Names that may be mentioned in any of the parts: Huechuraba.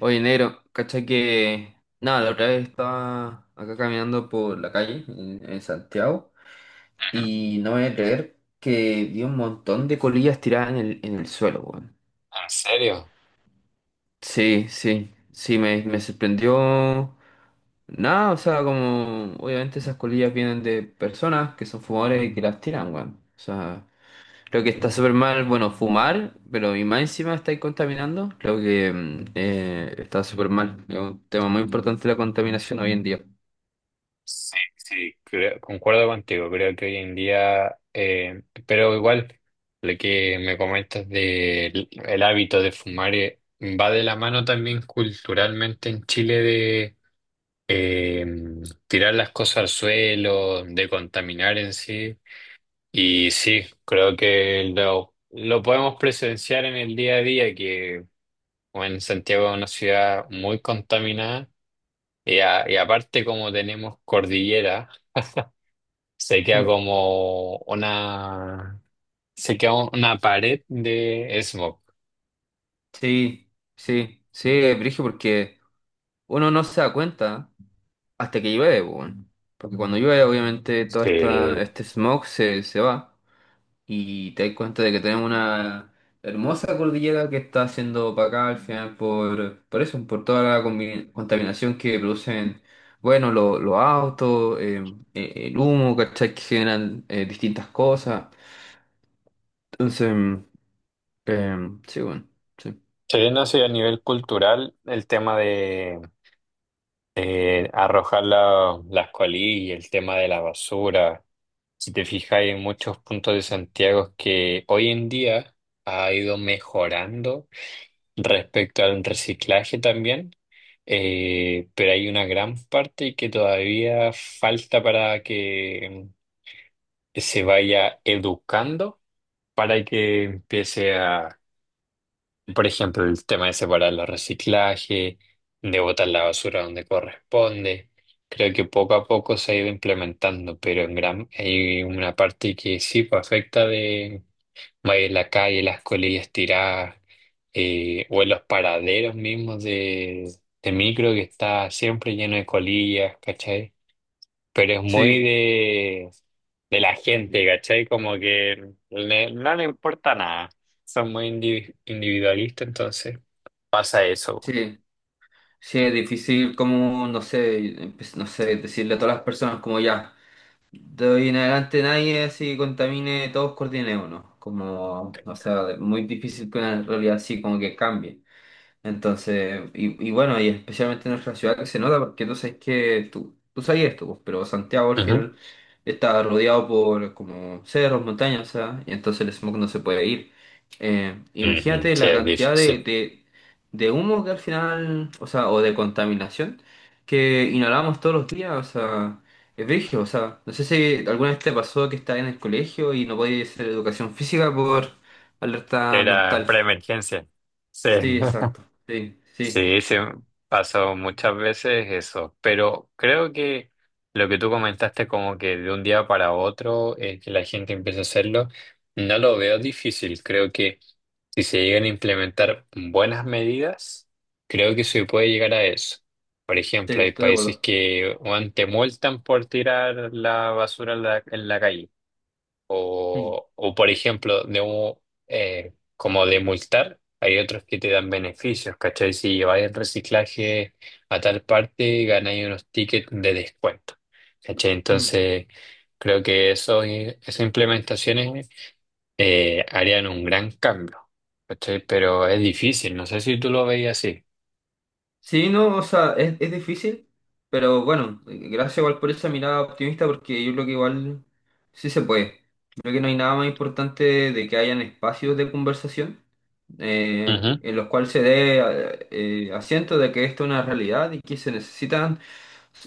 Oye, negro, cacha que. Nada, la otra vez estaba acá caminando por la calle en Santiago Ujú. y no me voy a creer que vi un montón de colillas tiradas en el suelo, weón. ¿En serio? Sí, sí, sí, me sorprendió. Nada, o sea, como. Obviamente esas colillas vienen de personas que son fumadores y que las tiran, weón. O sea. Creo que está súper mal, bueno, fumar, pero y más encima estáis contaminando. Creo que está súper mal. Es un tema muy importante la contaminación hoy en día. Sí, sí, creo- concuerdo contigo. Creo que hoy en día, pero igual, lo que me comentas del el hábito de fumar va de la mano también culturalmente en Chile de eh, tirar las cosas al suelo, de contaminar en sí. Y sí, creo que lo podemos presenciar en el día a día, que bueno, Santiago es una ciudad muy contaminada. Y, a- y aparte como tenemos cordillera, se queda Mm. como una, se queda una pared de smog. Sí, sí, sí, Brigio, porque uno no se da cuenta hasta que llueve, po, weón. Porque cuando llueve, obviamente, todo esta, Se, este smog se va. Y te das cuenta de que tenemos una hermosa cordillera que está siendo opacada al final por eso, por toda la contaminación que producen, bueno, los autos, el humo, ¿cachai? Que generan distintas cosas. Entonces, sí, bueno, sí. se no sé a nivel cultural el tema de arrojar la- las colillas, el tema de la basura. Si te fijas, hay muchos puntos de Santiago que hoy en día ha ido mejorando respecto al reciclaje también, pero hay una gran parte que todavía falta para que se vaya educando, para que empiece a, por ejemplo, el tema de separar los reciclajes, de botar la basura donde corresponde. Creo que poco a poco se ha ido implementando, pero en gran hay una parte que sí pues, afecta de. Va en la calle, las colillas tiradas, o en los paraderos mismos de micro que está siempre lleno de colillas, ¿cachai? Pero es muy Sí, de la gente, ¿cachai? Como que le- no le importa nada. Son muy indivi- individualistas, entonces pasa eso. sí. Sí, es difícil como, no sé, no sé, decirle a todas las personas como ya. De hoy en adelante nadie así contamine, todos coordinen uno. Como, o sea, muy difícil que una realidad así como que cambie. Entonces, y bueno, y especialmente en nuestra ciudad que se nota, porque tú sabes que tú sabías esto, pues, pero Santiago al Ujú. final está rodeado por como cerros, montañas, o sea, y entonces el smog no se puede ir. Ujú, Imagínate sí, la es cantidad de, difícil. de, de humo que al final, o sea, o de contaminación que inhalamos todos los días, o sea, es brígido, o sea, no sé si alguna vez te pasó que estás en el colegio y no podías hacer educación física por alerta Era ambiental. preemergencia. Sí. Sí, exacto, sí, sí. Sí, se pasó muchas veces eso, pero creo que lo que tú comentaste como que de un día para otro que la gente empiece a hacerlo, no lo veo difícil. Creo que si se llegan a implementar buenas medidas, creo que se puede llegar a eso. Por Sí, ejemplo, hay estoy de países acuerdo. que weón, te multan por tirar la basura en en la calle. Mm, O por ejemplo, de un, como de multar, hay otros que te dan beneficios, ¿cachai? Si lleváis el reciclaje a tal parte, ganáis unos tickets de descuento, ¿cachai? mm. Entonces, creo que eso, esas implementaciones harían un gran cambio, ¿cachai? Pero es difícil, no sé si tú lo veis así. Sí, no, o sea, es difícil, pero bueno, gracias igual por esa mirada optimista, porque yo creo que igual sí se puede. Creo que no hay nada más importante de que hayan espacios de conversación Ujú. en los cuales se dé asiento de que esto es una realidad y que se necesitan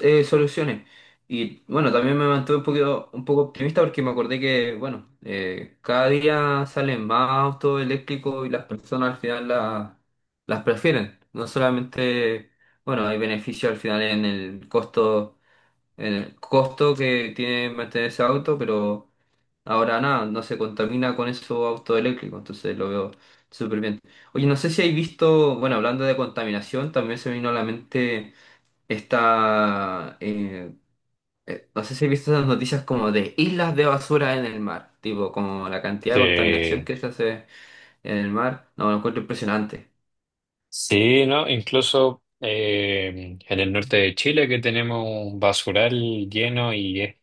soluciones. Y bueno, también me mantuve un poquito, un poco optimista porque me acordé que, bueno, cada día salen más autos eléctricos y las personas al final las prefieren. No solamente, bueno, hay beneficio al final en el costo que tiene mantener ese auto, pero ahora nada, no se contamina con esos autos eléctricos, entonces lo veo súper bien. Oye, no sé si hay visto, bueno, hablando de contaminación, también se me vino a la mente esta, eh, no sé si he visto esas noticias como de islas de basura en el mar, tipo como la cantidad de contaminación Sí, que se hace en el mar, no, lo encuentro impresionante. sí, ¿no? Incluso en el norte de Chile que tenemos un basural lleno y es.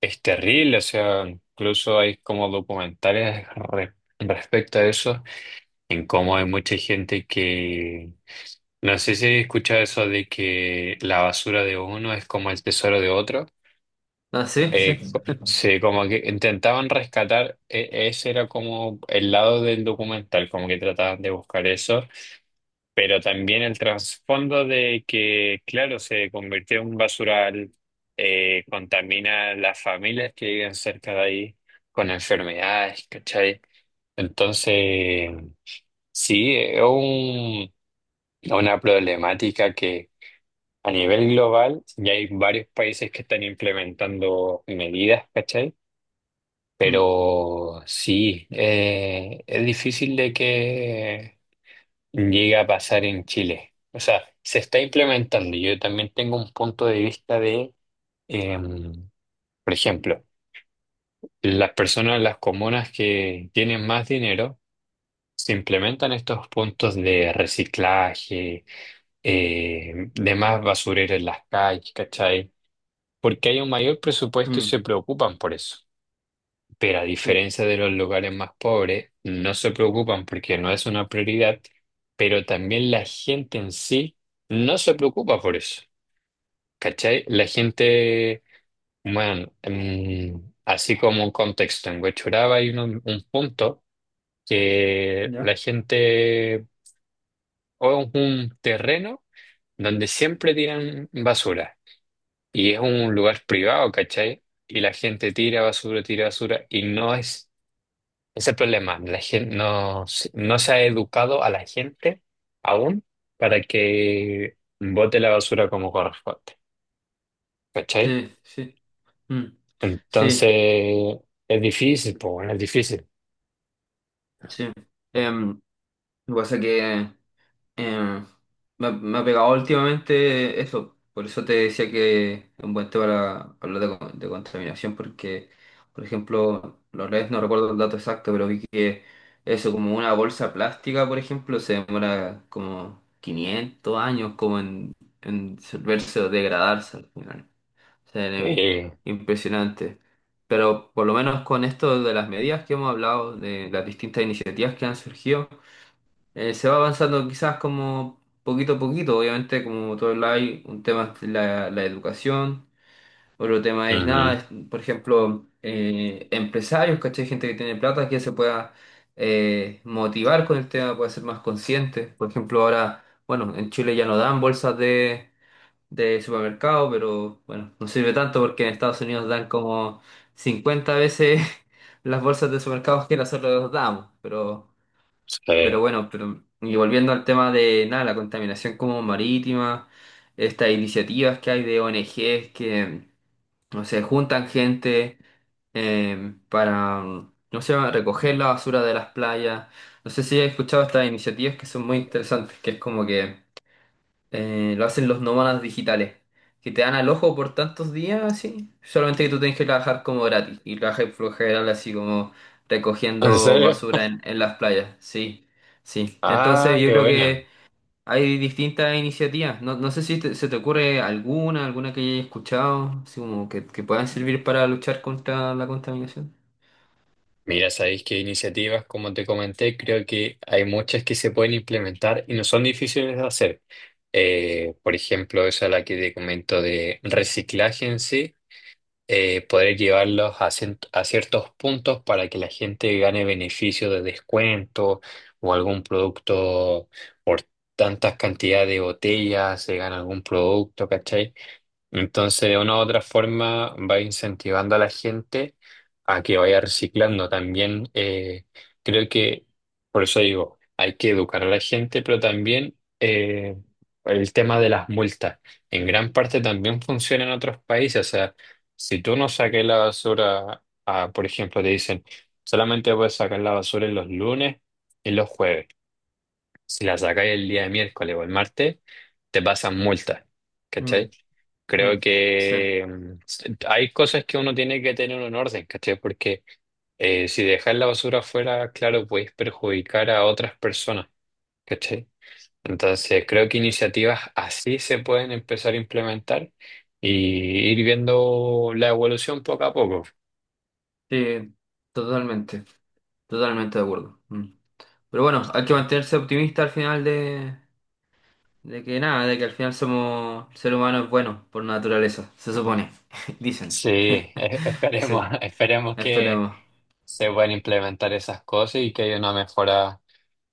Es terrible, o sea, incluso hay como documentales re- respecto a eso, en cómo hay mucha gente que... No sé si escucha eso de que la basura de uno es como el tesoro de otro. Ah, sí, sí. Co- se como que intentaban rescatar, e- ese era como el lado del documental, como que trataban de buscar eso. Pero también el trasfondo de que, claro, se convirtió en un basural, contamina a las familias que viven cerca de ahí con enfermedades, ¿cachai? Entonces, sí, es un- una problemática que a nivel global ya hay varios países que están implementando medidas, ¿cachai? Mm, Pero sí, es difícil de que llega a pasar en Chile. O sea, se está implementando. Yo también tengo un punto de vista de, eh, por ejemplo, las personas, las comunas que tienen más dinero, se implementan estos puntos de reciclaje, de más basurero en las calles, ¿cachai? Porque hay un mayor presupuesto y se mm. preocupan por eso. Pero a Sí, diferencia de los lugares más pobres, no se preocupan porque no es una prioridad, pero también la gente en sí no se preocupa por eso. ¿Cachai? La gente, bueno, así como un contexto, en Huechuraba hay un punto que la ¿ya? gente, o es un terreno donde siempre tiran basura y es un lugar privado, ¿cachai? Y la gente tira basura y no es. Es el problema. La gente no, se- no se ha educado a la gente aún para que bote la basura como corresponde. ¿Cachai? Sí, sí. Mm, sí, Entonces, es difícil, pues bueno, es difícil. sí. Em, lo que pasa es que em, me ha pegado últimamente eso. Por eso te decía que es un buen tema para hablar de contaminación, porque, por ejemplo, los redes no recuerdo el dato exacto, pero vi que eso, como una bolsa plástica, por ejemplo, se demora como 500 años como en disolverse o degradarse al final. Sí, anime. Sí. Impresionante. Pero por lo menos con esto de las medidas que hemos hablado, de las distintas iniciativas que han surgido, se va avanzando quizás como poquito a poquito. Obviamente, como todo el hay, un tema es la educación, otro tema es nada, Ujú. es, por ejemplo, empresarios, ¿cachai? Gente que tiene plata que se pueda motivar con el tema, pueda ser más consciente. Por ejemplo, ahora, bueno, en Chile ya no dan bolsas de supermercado, pero bueno, no sirve tanto porque en Estados Unidos dan como 50 veces las bolsas de supermercados que nosotros damos, pero Sí. bueno, y volviendo al tema de nada, la contaminación como marítima, estas iniciativas que hay de ONGs que, no sé, juntan gente para, no sé, recoger la basura de las playas. No sé si has escuchado estas iniciativas que son muy interesantes, que es como que lo hacen los nómadas digitales, que te dan al ojo por tantos días, así. Solamente que tú tienes que trabajar como gratis y trabajas por lo general así como ¿En recogiendo serio? basura en las playas. Sí, sí. Ah, Entonces yo qué creo buena. que hay distintas iniciativas. No, no sé si se te ocurre alguna, que hayas escuchado, así como que puedan servir para luchar contra la contaminación. Mira, sabéis que iniciativas, como te comenté, creo que hay muchas que se pueden implementar y no son difíciles de hacer. Por ejemplo, esa es la que te comento de reciclaje en sí. Eh, poder llevarlos a, cien- a ciertos puntos para que la gente gane beneficio de descuento o algún producto por tantas cantidades de botellas, se gana algún producto, ¿cachai? Entonces, de una u otra forma, va incentivando a la gente a que vaya reciclando. También creo que, por eso digo, hay que educar a la gente, pero también el tema de las multas. En gran parte también funciona en otros países. O sea, si tú no saques la basura, ah, por ejemplo, te dicen, solamente puedes sacar la basura en los lunes y los jueves. Si la sacáis el día de miércoles o el martes, te pasan multas, ¿cachai? Mm, Creo mm, sí, que hay cosas que uno tiene que tener en orden, ¿cachai? Porque si dejas la basura afuera, claro, puedes perjudicar a otras personas, ¿cachai? Entonces, creo que iniciativas así se pueden empezar a implementar y ir viendo la evolución poco a poco. sí, totalmente, totalmente de acuerdo. Mm. Pero bueno, hay que Sí, mantenerse optimista al final de que nada, de que al final somos, el ser humano es bueno por naturaleza, se supone, dicen. sí, e- esperemos, Sí, esperemos que esperemos. se puedan implementar esas cosas y que haya una mejora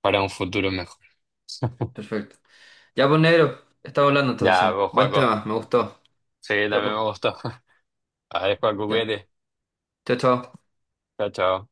para un futuro mejor. Perfecto. Ya pues negro, estamos hablando Ya, entonces. pues, Buen Joaco. tema, me gustó. Sí, Ya también pues, me gustó. Adiós, Joaco, ya. cuídate. Chao, chao. Chao, chao.